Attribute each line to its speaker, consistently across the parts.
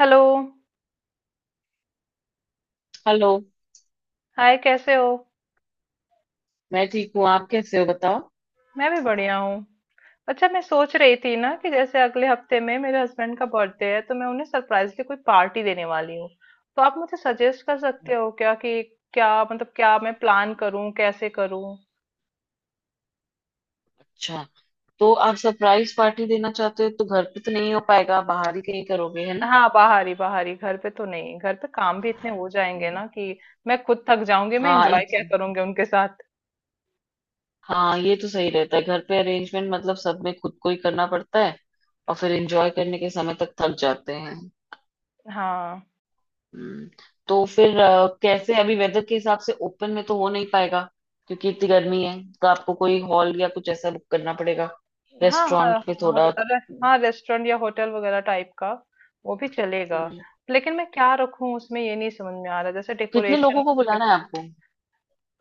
Speaker 1: Hello.
Speaker 2: Hello.
Speaker 1: Hi, कैसे हो?
Speaker 2: मैं ठीक हूँ, आप कैसे हो बताओ।
Speaker 1: मैं भी बढ़िया हूँ। अच्छा, मैं सोच रही थी ना कि जैसे अगले हफ्ते में मेरे हस्बैंड का बर्थडे है तो मैं उन्हें सरप्राइजली कोई पार्टी देने वाली हूँ। तो आप मुझे सजेस्ट कर सकते हो क्या कि क्या, मतलब क्या मैं प्लान करूँ, कैसे करूँ?
Speaker 2: अच्छा, तो आप सरप्राइज पार्टी देना चाहते हो, तो घर पे तो नहीं हो पाएगा, बाहर ही कहीं करोगे, है ना।
Speaker 1: हाँ, बाहर ही बाहर ही, घर पे तो नहीं। घर पे काम भी इतने हो जाएंगे ना कि मैं खुद थक जाऊंगी, मैं
Speaker 2: हाँ
Speaker 1: एंजॉय क्या
Speaker 2: एक-
Speaker 1: करूंगी उनके साथ।
Speaker 2: हाँ, ये तो सही रहता है। घर पे अरेंजमेंट मतलब सब में खुद को ही करना पड़ता है, और फिर एंजॉय करने के समय तक थक जाते हैं।
Speaker 1: हाँ
Speaker 2: हम्म, तो फिर कैसे अभी वेदर के हिसाब से ओपन में तो हो नहीं पाएगा, क्योंकि इतनी गर्मी है। तो आपको कोई हॉल या कुछ ऐसा बुक करना पड़ेगा,
Speaker 1: हाँ, हाँ,
Speaker 2: रेस्टोरेंट में
Speaker 1: हाँ, और
Speaker 2: थोड़ा।
Speaker 1: अरे हाँ, रेस्टोरेंट या होटल वगैरह टाइप का वो भी चलेगा।
Speaker 2: हम्म,
Speaker 1: लेकिन मैं क्या रखूं उसमें ये नहीं समझ में आ रहा, जैसे
Speaker 2: कितने
Speaker 1: डेकोरेशन।
Speaker 2: लोगों को बुलाना है आपको।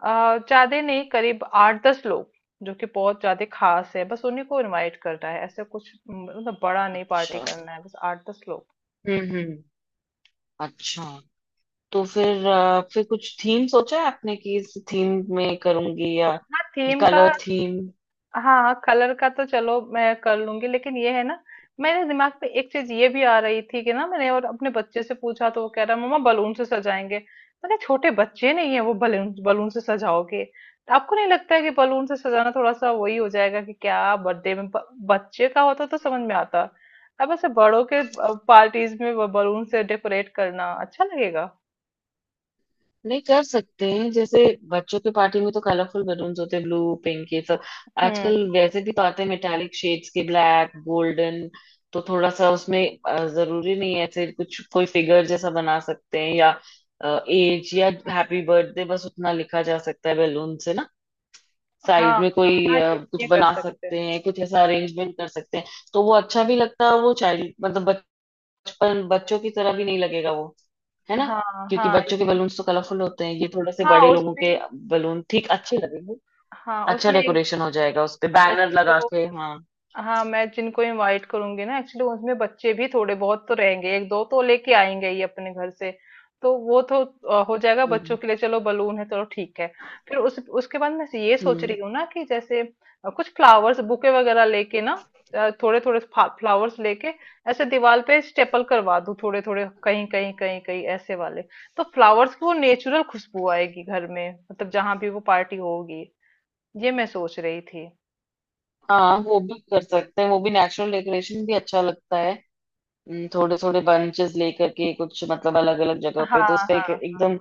Speaker 1: ज्यादा नहीं, करीब आठ दस लोग। जो कि बहुत ज्यादा खास है, बस उन्हीं को इनवाइट करना है, ऐसे कुछ मतलब बड़ा नहीं पार्टी
Speaker 2: अच्छा।
Speaker 1: करना है, बस आठ दस लोग।
Speaker 2: हम्म। अच्छा। तो फिर फिर कुछ थीम सोचा है आपने, कि इस थीम में करूंगी या
Speaker 1: हाँ, थीम का।
Speaker 2: Colour theme.
Speaker 1: हाँ हाँ, कलर का तो चलो मैं कर लूंगी लेकिन ये है ना, मेरे दिमाग पे एक चीज ये भी आ रही थी कि ना, मैंने और अपने बच्चे से पूछा तो वो कह रहा मम्मा बलून से सजाएंगे। मैंने, छोटे बच्चे नहीं है वो, बलून बलून से सजाओगे तो आपको नहीं लगता है कि बलून से सजाना थोड़ा सा वही हो जाएगा कि क्या? बर्थडे में बच्चे का होता तो समझ में आता। अब ऐसे बड़ों के पार्टीज में बलून से डेकोरेट करना अच्छा लगेगा?
Speaker 2: नहीं, कर सकते हैं जैसे बच्चों के पार्टी में तो कलरफुल बलून्स होते हैं, ब्लू, पिंक, ये सब।
Speaker 1: हम्म।
Speaker 2: आजकल वैसे भी तो आते हैं मेटालिक शेड्स के, ब्लैक, गोल्डन, तो थोड़ा सा उसमें जरूरी नहीं है। ऐसे कुछ कोई फिगर जैसा बना सकते हैं, या एज या हैप्पी बर्थडे बस उतना लिखा जा सकता है बैलून से ना।
Speaker 1: हाँ
Speaker 2: साइड में
Speaker 1: हाँ
Speaker 2: कोई
Speaker 1: हाँ, ये
Speaker 2: कुछ
Speaker 1: ये कर
Speaker 2: बना
Speaker 1: सकते हैं।
Speaker 2: सकते हैं, कुछ ऐसा अरेंजमेंट कर सकते हैं, तो वो अच्छा भी लगता है। वो चाइल्ड मतलब बचपन, बच्चों की तरह भी नहीं लगेगा वो, है ना।
Speaker 1: हाँ
Speaker 2: क्योंकि
Speaker 1: हाँ,
Speaker 2: बच्चों के
Speaker 1: इ-
Speaker 2: बलून्स तो कलरफुल होते हैं, ये थोड़े से
Speaker 1: हाँ
Speaker 2: बड़े लोगों के
Speaker 1: उसमें,
Speaker 2: बलून ठीक अच्छे लगेंगे।
Speaker 1: हाँ
Speaker 2: अच्छा
Speaker 1: उसमें एक,
Speaker 2: डेकोरेशन हो जाएगा उस पे बैनर
Speaker 1: उसमें
Speaker 2: लगा
Speaker 1: जो,
Speaker 2: के, हाँ।
Speaker 1: हाँ मैं जिनको इनवाइट करूंगी ना एक्चुअली उसमें बच्चे भी थोड़े बहुत तो रहेंगे, एक दो तो लेके आएंगे ही अपने घर से, तो वो तो हो जाएगा। बच्चों
Speaker 2: हम्म
Speaker 1: के लिए चलो बलून है, चलो ठीक है। फिर उस उसके बाद मैं ये सोच
Speaker 2: हम्म।
Speaker 1: रही हूँ ना कि जैसे कुछ फ्लावर्स बुके वगैरह लेके ना, थोड़े थोड़े फ्लावर्स लेके, ऐसे दीवार पे स्टेपल करवा दूं थोड़े थोड़े कहीं कहीं कहीं कहीं ऐसे वाले, तो फ्लावर्स की वो नेचुरल खुशबू आएगी घर में, मतलब जहां भी वो पार्टी होगी। ये मैं सोच रही थी।
Speaker 2: हाँ, वो भी कर सकते हैं। वो भी नेचुरल डेकोरेशन भी अच्छा लगता है, थोड़े थोड़े बंचेस लेकर के कुछ, मतलब अलग अलग जगह पे,
Speaker 1: हाँ
Speaker 2: तो उसका
Speaker 1: हाँ
Speaker 2: एक
Speaker 1: हाँ
Speaker 2: एकदम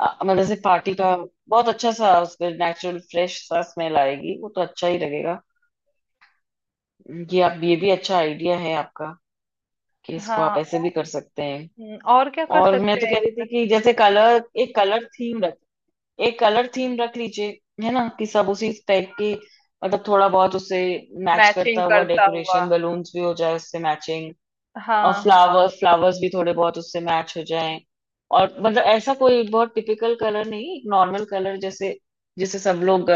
Speaker 2: मतलब से पार्टी का बहुत अच्छा सा उसमें नेचुरल फ्रेश सा स्मेल आएगी, वो तो अच्छा ही लगेगा। ये आप ये भी अच्छा आइडिया है आपका, कि इसको आप
Speaker 1: हाँ,
Speaker 2: ऐसे भी कर सकते हैं।
Speaker 1: और क्या कर
Speaker 2: और मैं
Speaker 1: सकते
Speaker 2: तो
Speaker 1: हैं
Speaker 2: कह रही
Speaker 1: इसमें?
Speaker 2: थी कि जैसे कलर, एक कलर थीम रख लीजिए, है ना, कि सब उसी टाइप की, मतलब थोड़ा बहुत उसे मैच
Speaker 1: मैचिंग
Speaker 2: करता हुआ
Speaker 1: करता हुआ,
Speaker 2: डेकोरेशन, बलून्स भी हो जाए उससे मैचिंग। और
Speaker 1: हाँ हाँ।
Speaker 2: फ्लावर्स, फ्लावर्स भी थोड़े बहुत उससे मैच हो जाएं। और मतलब ऐसा कोई बहुत टिपिकल कलर नहीं, एक नॉर्मल कलर, जैसे जिसे सब लोग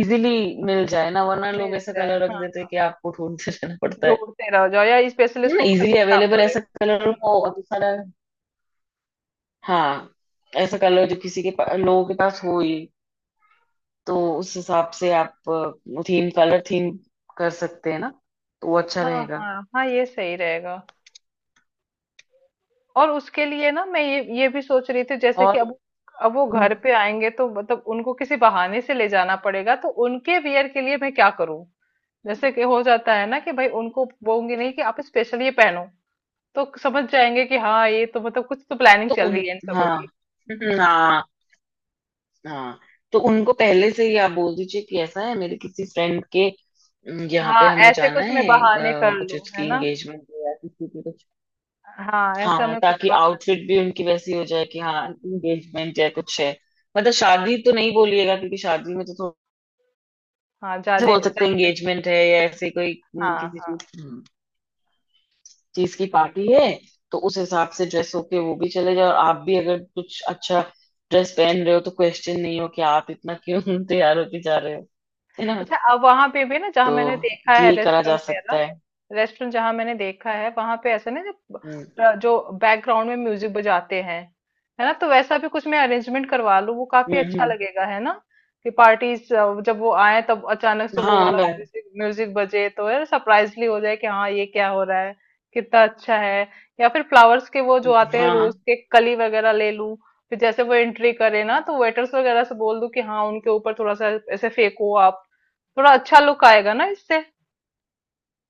Speaker 2: इजीली मिल जाए ना, वरना लोग
Speaker 1: मिल
Speaker 2: ऐसा
Speaker 1: जाए
Speaker 2: कलर रख
Speaker 1: हाँ,
Speaker 2: देते हैं कि आपको ढूंढते रहना पड़ता है।
Speaker 1: ढूंढते रह जाओ या स्पेशली
Speaker 2: ना,
Speaker 1: इसको
Speaker 2: इजीली
Speaker 1: खरीदना
Speaker 2: अवेलेबल
Speaker 1: पड़े।
Speaker 2: ऐसा कलर
Speaker 1: हम्म।
Speaker 2: हो, और दूसरा हाँ, ऐसा कलर जो किसी के लोगों के पास हो ही। तो उस हिसाब से आप थीम, कलर थीम कर सकते हैं ना, तो वो अच्छा
Speaker 1: हाँ
Speaker 2: रहेगा।
Speaker 1: हाँ हाँ, ये सही रहेगा। और उसके लिए ना मैं ये भी सोच रही थी जैसे कि
Speaker 2: और
Speaker 1: अब वो घर पे आएंगे तो मतलब उनको किसी बहाने से ले जाना पड़ेगा, तो उनके वियर के लिए मैं क्या करूं? जैसे कि हो जाता है ना कि भाई, उनको बोलूंगी नहीं कि आप स्पेशल ये पहनो तो समझ जाएंगे कि हाँ ये तो मतलब कुछ तो प्लानिंग
Speaker 2: तो
Speaker 1: चल
Speaker 2: उन
Speaker 1: रही है इन सबों।
Speaker 2: हाँ हाँ, हाँ, तो उनको पहले से ही आप बोल दीजिए कि ऐसा है मेरे किसी फ्रेंड के यहाँ पे
Speaker 1: हाँ,
Speaker 2: हमें
Speaker 1: ऐसे
Speaker 2: जाना
Speaker 1: कुछ मैं
Speaker 2: है,
Speaker 1: बहाने कर
Speaker 2: कुछ
Speaker 1: लूं है
Speaker 2: उसकी
Speaker 1: ना।
Speaker 2: एंगेजमेंट है या किसी की कुछ।
Speaker 1: हाँ, ऐसा
Speaker 2: हाँ,
Speaker 1: मैं कुछ
Speaker 2: ताकि
Speaker 1: बहाने।
Speaker 2: आउटफिट भी उनकी वैसी हो जाए, कि हाँ एंगेजमेंट या कुछ है। मतलब शादी तो नहीं बोलिएगा, क्योंकि शादी में तो थोड़ा,
Speaker 1: हाँ
Speaker 2: ऐसे
Speaker 1: ज्यादा
Speaker 2: बोल सकते हैं
Speaker 1: ज्यादा,
Speaker 2: एंगेजमेंट है या ऐसे कोई
Speaker 1: हाँ
Speaker 2: किसी चीज
Speaker 1: हाँ।
Speaker 2: चीज की पार्टी है। तो उस हिसाब से ड्रेस होके वो भी चले जाए, और आप भी अगर कुछ अच्छा ड्रेस पहन रहे हो, तो क्वेश्चन नहीं हो कि आप इतना क्यों तैयार होके जा रहे हो, है ना।
Speaker 1: अच्छा, अब वहां पे भी ना, जहाँ
Speaker 2: तो
Speaker 1: मैंने देखा है
Speaker 2: ये करा जा
Speaker 1: रेस्टोरेंट
Speaker 2: सकता
Speaker 1: वगैरह,
Speaker 2: है।
Speaker 1: रेस्टोरेंट जहाँ मैंने देखा है वहां पे ऐसा ना, जो
Speaker 2: हम्म
Speaker 1: जो बैकग्राउंड में म्यूजिक बजाते हैं, है ना? तो वैसा भी कुछ मैं अरेंजमेंट करवा लूँ, वो काफी
Speaker 2: हम्म
Speaker 1: अच्छा
Speaker 2: हम्म।
Speaker 1: लगेगा, है ना? कि पार्टीज, जब वो आए तब अचानक से वो
Speaker 2: हाँ,
Speaker 1: वाला म्यूजिक म्यूजिक बजे तो है, सरप्राइजली हो जाए कि हाँ ये क्या हो रहा है, कितना अच्छा है। या फिर फ्लावर्स के वो जो आते हैं
Speaker 2: हाँ,
Speaker 1: रोज के कली वगैरह ले लूं, फिर जैसे वो एंट्री करे ना तो वेटर्स वगैरह से बोल दूं कि हाँ उनके ऊपर थोड़ा सा ऐसे फेंको आप, थोड़ा अच्छा लुक आएगा ना इससे।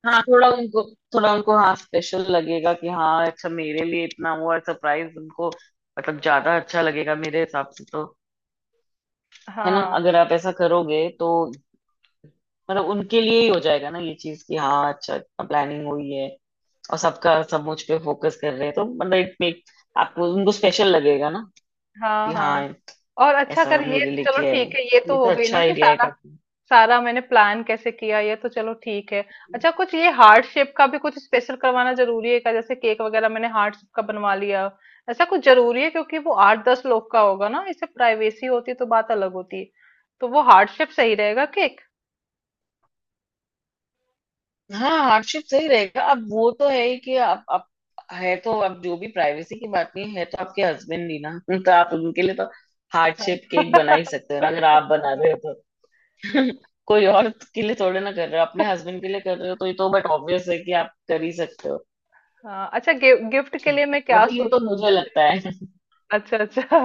Speaker 2: हाँ, थोड़ा उनको, हाँ स्पेशल लगेगा कि हाँ अच्छा, मेरे लिए इतना हुआ सरप्राइज, उनको मतलब ज्यादा अच्छा लगेगा मेरे हिसाब से तो। है ना,
Speaker 1: हाँ
Speaker 2: अगर आप ऐसा करोगे तो मतलब उनके लिए ही हो जाएगा ना ये चीज कि हाँ अच्छा प्लानिंग हुई है, और सबका सब मुझ पे फोकस कर रहे हैं, तो मतलब इट मेक, आपको उनको स्पेशल लगेगा ना,
Speaker 1: हाँ
Speaker 2: कि
Speaker 1: हाँ,
Speaker 2: हाँ
Speaker 1: और अच्छा कर
Speaker 2: ऐसा
Speaker 1: ये,
Speaker 2: मेरे लिए
Speaker 1: चलो
Speaker 2: किया है।
Speaker 1: ठीक है ये
Speaker 2: ये
Speaker 1: तो
Speaker 2: तो
Speaker 1: हो गई
Speaker 2: अच्छा
Speaker 1: ना कि
Speaker 2: आइडिया है
Speaker 1: सारा
Speaker 2: काफी।
Speaker 1: सारा मैंने प्लान कैसे किया, ये तो चलो ठीक है। अच्छा, कुछ ये हार्ट शेप का भी कुछ स्पेशल करवाना जरूरी है क्या? जैसे केक वगैरह मैंने हार्ट शेप का बनवा लिया, ऐसा कुछ जरूरी है? क्योंकि वो आठ दस लोग का होगा ना, इससे प्राइवेसी होती तो बात अलग होती, तो वो हार्ट शेप सही रहेगा केक।
Speaker 2: हाँ, हार्डशिप सही रहेगा। अब वो तो है ही कि आप है तो अब जो भी प्राइवेसी की बात नहीं है तो आपके हस्बैंड ही ना तो आप उनके लिए तो
Speaker 1: हाँ
Speaker 2: हार्डशिप केक बना ही सकते हो ना, अगर आप बना रहे हो तो कोई और के लिए थोड़े ना कर रहे हो, अपने हस्बैंड के लिए कर रहे हो, तो ये तो बट ऑब्वियस है कि आप कर ही सकते हो।
Speaker 1: हाँ, अच्छा गिफ्ट के लिए मैं क्या
Speaker 2: मतलब ये तो
Speaker 1: सोचूं
Speaker 2: मुझे
Speaker 1: जैसे,
Speaker 2: लगता है
Speaker 1: अच्छा अच्छा,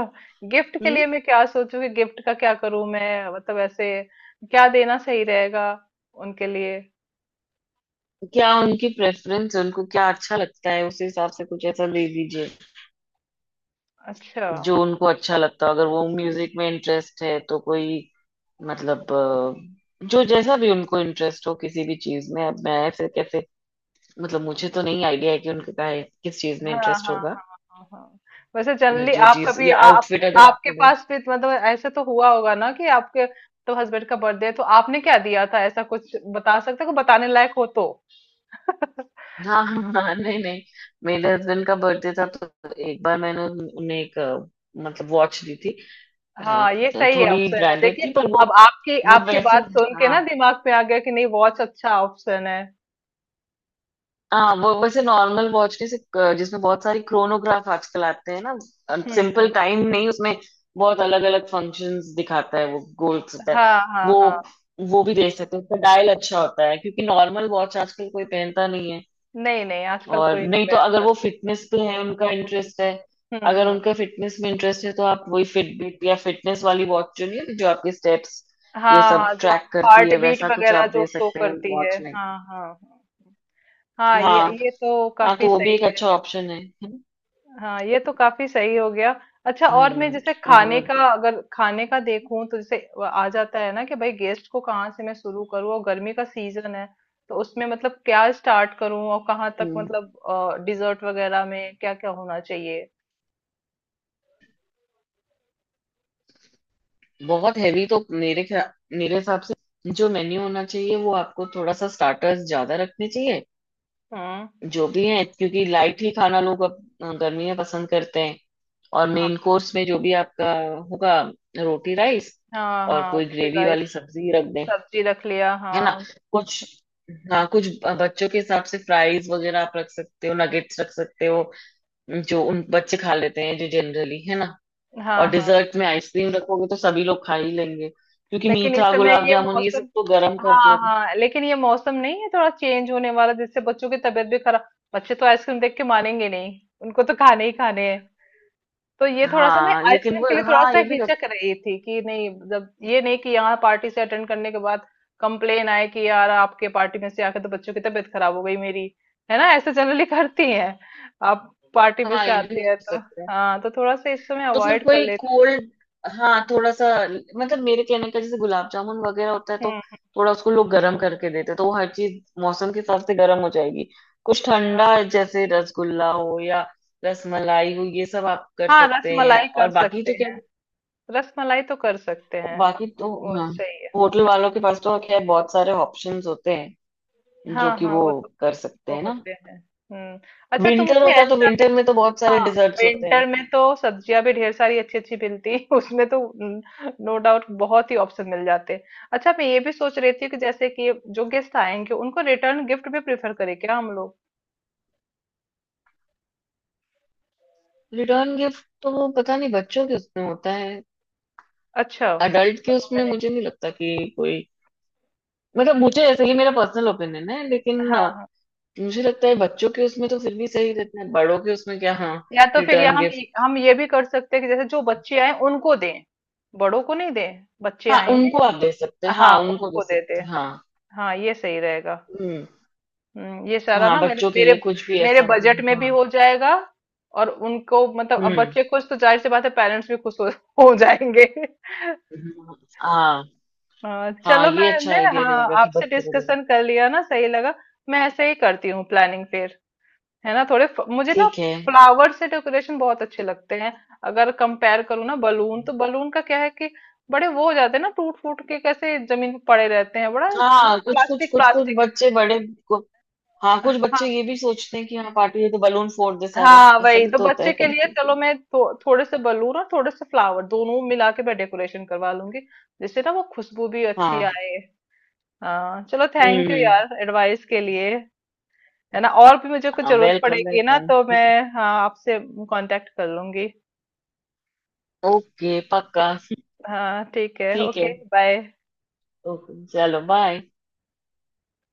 Speaker 1: गिफ्ट के
Speaker 2: हम्म।
Speaker 1: लिए मैं क्या सोचूं कि गिफ्ट का क्या करूं मैं? मतलब ऐसे क्या देना सही रहेगा उनके लिए?
Speaker 2: क्या उनकी प्रेफरेंस, उनको क्या अच्छा लगता है, उस हिसाब से कुछ ऐसा दे दीजिए
Speaker 1: अच्छा
Speaker 2: जो उनको अच्छा लगता हो। अगर वो म्यूजिक में इंटरेस्ट है तो कोई, मतलब जो जैसा भी उनको इंटरेस्ट हो किसी भी चीज में, अब मैं फिर कैसे, मतलब मुझे तो नहीं आइडिया है कि उनका किस चीज में
Speaker 1: हाँ
Speaker 2: इंटरेस्ट
Speaker 1: हाँ
Speaker 2: होगा,
Speaker 1: हाँ हाँ हाँ, वैसे
Speaker 2: या
Speaker 1: जनरली
Speaker 2: जो
Speaker 1: आप
Speaker 2: चीज
Speaker 1: कभी
Speaker 2: या
Speaker 1: आप
Speaker 2: आउटफिट अगर
Speaker 1: आपके
Speaker 2: आपको दे।
Speaker 1: पास भी मतलब ऐसे तो हुआ होगा ना कि आपके तो हस्बैंड का बर्थडे है तो आपने क्या दिया था? ऐसा कुछ बता सकते हो बताने लायक हो तो
Speaker 2: हाँ हाँ हाँ, हाँ, नहीं नहीं, मेरे हस्बैंड का बर्थडे था तो एक बार मैंने उन्हें एक मतलब वॉच दी थी। अ,
Speaker 1: हाँ ये
Speaker 2: तो
Speaker 1: सही है,
Speaker 2: थोड़ी
Speaker 1: ऑप्शन है
Speaker 2: ब्रांडेड
Speaker 1: देखिए।
Speaker 2: थी, पर वो
Speaker 1: अब आपकी
Speaker 2: वो
Speaker 1: आपकी
Speaker 2: वैसे,
Speaker 1: बात सुन के
Speaker 2: हाँ।
Speaker 1: ना दिमाग पे आ गया कि नहीं, वॉच अच्छा ऑप्शन है।
Speaker 2: हाँ, वो वैसे नॉर्मल वॉच के से जिसमें बहुत सारी क्रोनोग्राफ आजकल आते हैं ना,
Speaker 1: हम्म,
Speaker 2: सिंपल टाइम नहीं उसमें, बहुत अलग अलग फंक्शंस दिखाता है, वो गोल्स होता है
Speaker 1: हाँ हाँ
Speaker 2: वो
Speaker 1: हाँ,
Speaker 2: वो भी देख सकते हैं, उसका डायल अच्छा होता है, क्योंकि नॉर्मल वॉच आजकल कोई पहनता नहीं है।
Speaker 1: नहीं नहीं आजकल
Speaker 2: और
Speaker 1: कोई नहीं
Speaker 2: नहीं तो अगर
Speaker 1: पहनता।
Speaker 2: वो फिटनेस पे है, उनका इंटरेस्ट है, अगर
Speaker 1: हम्म,
Speaker 2: उनका फिटनेस में इंटरेस्ट है, तो आप वही फिटबिट या फिटनेस वाली वॉच चुनिए जो आपके स्टेप्स, ये
Speaker 1: हाँ
Speaker 2: सब
Speaker 1: हाँ, जो
Speaker 2: ट्रैक करती
Speaker 1: हार्ट
Speaker 2: है,
Speaker 1: बीट
Speaker 2: वैसा कुछ
Speaker 1: वगैरह
Speaker 2: आप
Speaker 1: जो
Speaker 2: दे
Speaker 1: शो
Speaker 2: सकते हैं
Speaker 1: करती है।
Speaker 2: वॉच में।
Speaker 1: हाँ हाँ हाँ हाँ, ये
Speaker 2: हाँ,
Speaker 1: ये तो
Speaker 2: हाँ तो
Speaker 1: काफी
Speaker 2: वो
Speaker 1: सही
Speaker 2: भी एक अच्छा
Speaker 1: रहेगा।
Speaker 2: ऑप्शन है।
Speaker 1: हाँ, ये तो काफी सही हो गया। अच्छा, और मैं
Speaker 2: हम्म,
Speaker 1: जैसे खाने
Speaker 2: और।
Speaker 1: का, अगर खाने का देखूं तो जैसे वो आ जाता है ना कि भाई गेस्ट को कहाँ से मैं शुरू करूँ, और गर्मी का सीजन है, तो उसमें मतलब क्या स्टार्ट करूँ और कहाँ तक
Speaker 2: हम्म,
Speaker 1: मतलब डिजर्ट वगैरह में क्या क्या होना चाहिए?
Speaker 2: बहुत हैवी तो मेरे मेरे हिसाब से जो मेन्यू होना चाहिए, वो आपको थोड़ा सा स्टार्टर्स ज्यादा रखने चाहिए,
Speaker 1: हम्म,
Speaker 2: जो भी है, क्योंकि लाइट ही खाना लोग अब गर्मी में पसंद करते हैं। और मेन
Speaker 1: हाँ
Speaker 2: कोर्स में जो भी आपका होगा, रोटी, राइस,
Speaker 1: हाँ
Speaker 2: और
Speaker 1: हाँ
Speaker 2: कोई
Speaker 1: रोटी
Speaker 2: ग्रेवी
Speaker 1: राइस,
Speaker 2: वाली सब्जी रख दें,
Speaker 1: सब्जी रख लिया
Speaker 2: है ना।
Speaker 1: हाँ।
Speaker 2: कुछ, हाँ कुछ बच्चों के हिसाब से फ्राइज वगैरह आप रख सकते हो, नगेट्स रख सकते हो, जो उन बच्चे खा लेते हैं जो जनरली, है ना। और
Speaker 1: हाँ हाँ
Speaker 2: डिजर्ट में आइसक्रीम रखोगे तो सभी लोग खा ही लेंगे, क्योंकि
Speaker 1: लेकिन इस
Speaker 2: मीठा
Speaker 1: समय
Speaker 2: गुलाब
Speaker 1: ये
Speaker 2: जामुन ये सब
Speaker 1: मौसम,
Speaker 2: तो गर्म करके।
Speaker 1: हाँ हाँ, लेकिन ये मौसम नहीं है, थोड़ा चेंज होने वाला जिससे बच्चों की तबीयत भी खराब। बच्चे तो आइसक्रीम देख के मानेंगे नहीं, उनको तो खाने ही खाने हैं। तो ये थोड़ा सा मैं
Speaker 2: हाँ लेकिन
Speaker 1: आइसक्रीम
Speaker 2: वो,
Speaker 1: के लिए थोड़ा सा हिचक रही थी कि नहीं, जब ये, नहीं कि यहाँ पार्टी से अटेंड करने के बाद कंप्लेन आए कि यार आपके पार्टी में से आके तो बच्चों की तबीयत खराब हो गई मेरी, है ना? ऐसे जनरली करती हैं आप, पार्टी में
Speaker 2: हाँ
Speaker 1: से
Speaker 2: ये भी
Speaker 1: आती है
Speaker 2: कर
Speaker 1: तो।
Speaker 2: सकते हैं।
Speaker 1: हाँ तो थोड़ा सा इस समय
Speaker 2: तो फिर
Speaker 1: अवॉइड कर
Speaker 2: कोई
Speaker 1: लेती
Speaker 2: कोल्ड, हाँ थोड़ा सा मतलब मेरे कहने का जैसे गुलाब जामुन वगैरह होता है
Speaker 1: हूँ।
Speaker 2: तो
Speaker 1: हम्म,
Speaker 2: थोड़ा उसको लोग गर्म करके देते हैं, तो वो हर चीज मौसम के हिसाब से गर्म हो जाएगी। कुछ
Speaker 1: हाँ
Speaker 2: ठंडा जैसे रसगुल्ला हो या रसमलाई हो ये सब आप कर
Speaker 1: हाँ, रस
Speaker 2: सकते हैं,
Speaker 1: मलाई
Speaker 2: और
Speaker 1: कर
Speaker 2: बाकी
Speaker 1: सकते
Speaker 2: तो क्या,
Speaker 1: हैं। रसमलाई तो कर सकते हैं,
Speaker 2: बाकी तो
Speaker 1: वो
Speaker 2: हाँ
Speaker 1: सही है।
Speaker 2: होटल वालों के पास तो खैर बहुत सारे ऑप्शंस होते हैं, जो
Speaker 1: हाँ
Speaker 2: कि
Speaker 1: हाँ,
Speaker 2: वो
Speaker 1: वो तो,
Speaker 2: कर सकते
Speaker 1: वो
Speaker 2: हैं ना।
Speaker 1: होते हैं। हम्म। अच्छा, तो
Speaker 2: विंटर
Speaker 1: मुझे
Speaker 2: होता तो
Speaker 1: ऐसा भी,
Speaker 2: विंटर में तो बहुत सारे
Speaker 1: हाँ
Speaker 2: डिजर्ट्स होते हैं।
Speaker 1: विंटर में तो सब्जियां भी ढेर सारी अच्छी अच्छी मिलती हैं। उसमें तो नो डाउट बहुत ही ऑप्शन मिल जाते हैं। अच्छा, मैं ये भी सोच रही थी कि जैसे कि जो गेस्ट आएंगे उनको रिटर्न गिफ्ट भी प्रेफर करें क्या हम लोग?
Speaker 2: रिटर्न गिफ्ट तो वो पता नहीं, बच्चों के उसमें होता है,
Speaker 1: अच्छा
Speaker 2: अडल्ट के
Speaker 1: पढ़ो
Speaker 2: उसमें
Speaker 1: मैंने,
Speaker 2: मुझे नहीं लगता कि कोई, मतलब मुझे ऐसे ही, मेरा पर्सनल ओपिनियन है लेकिन
Speaker 1: हाँ हाँ।
Speaker 2: मुझे लगता है बच्चों के उसमें तो फिर भी सही रहते हैं, बड़ों के उसमें क्या। हाँ
Speaker 1: या तो फिर या
Speaker 2: रिटर्न गिफ्ट,
Speaker 1: हम ये भी कर सकते हैं कि जैसे जो बच्चे आए उनको दें, बड़ों को नहीं दें, बच्चे
Speaker 2: हाँ उनको
Speaker 1: आएंगे
Speaker 2: आप दे सकते हैं, हाँ
Speaker 1: हाँ
Speaker 2: उनको दे
Speaker 1: उनको दे दें।
Speaker 2: सकते हैं, हाँ।
Speaker 1: हाँ ये सही रहेगा।
Speaker 2: हम्म।
Speaker 1: ये सारा
Speaker 2: हाँ
Speaker 1: ना मेरे
Speaker 2: बच्चों के
Speaker 1: मेरे
Speaker 2: लिए कुछ भी
Speaker 1: मेरे
Speaker 2: ऐसा जो
Speaker 1: बजट में
Speaker 2: उनको,
Speaker 1: भी
Speaker 2: हाँ।
Speaker 1: हो जाएगा। और उनको मतलब, अब
Speaker 2: हम्म।
Speaker 1: बच्चे खुश तो जाहिर सी बात है, पेरेंट्स भी खुश हो जाएंगे
Speaker 2: हाँ।
Speaker 1: हाँ,
Speaker 2: हाँ
Speaker 1: चलो
Speaker 2: ये अच्छा
Speaker 1: मैंने
Speaker 2: आइडिया
Speaker 1: हाँ
Speaker 2: रहेगा कि
Speaker 1: आपसे
Speaker 2: बच्चे को दें।
Speaker 1: डिस्कशन कर लिया ना, सही लगा। मैं ऐसे ही करती हूँ प्लानिंग फिर, है ना? थोड़े मुझे ना
Speaker 2: ठीक है।
Speaker 1: फ्लावर से डेकोरेशन बहुत अच्छे लगते हैं। अगर कंपेयर करूँ ना बलून, तो बलून का क्या है कि बड़े वो हो जाते हैं ना, टूट फूट के कैसे जमीन पे पड़े रहते हैं, बड़ा
Speaker 2: हाँ कुछ कुछ
Speaker 1: प्लास्टिक
Speaker 2: कुछ कुछ
Speaker 1: प्लास्टिक।
Speaker 2: बच्चे बड़े को, हाँ कुछ बच्चे ये भी सोचते हैं कि हाँ पार्टी है तो बलून फोड़ दे सारे,
Speaker 1: हाँ
Speaker 2: ऐसा
Speaker 1: वही
Speaker 2: भी
Speaker 1: तो,
Speaker 2: तो होता
Speaker 1: बच्चे
Speaker 2: है
Speaker 1: के
Speaker 2: कभी
Speaker 1: लिए
Speaker 2: कभी।
Speaker 1: चलो मैं थोड़े से बलून और थोड़े से फ्लावर दोनों मिला के मैं डेकोरेशन करवा लूंगी, जिससे ना वो खुशबू भी अच्छी
Speaker 2: हाँ।
Speaker 1: आए। हाँ चलो, थैंक यू
Speaker 2: हम्म।
Speaker 1: यार एडवाइस के लिए। है ना? और भी मुझे कुछ जरूरत
Speaker 2: वेलकम
Speaker 1: पड़ेगी ना
Speaker 2: वेलकम।
Speaker 1: तो मैं, हाँ आपसे कांटेक्ट कर लूंगी।
Speaker 2: ओके पक्का।
Speaker 1: हाँ ठीक है,
Speaker 2: ठीक है।
Speaker 1: Okay bye.
Speaker 2: ओके चलो, बाय।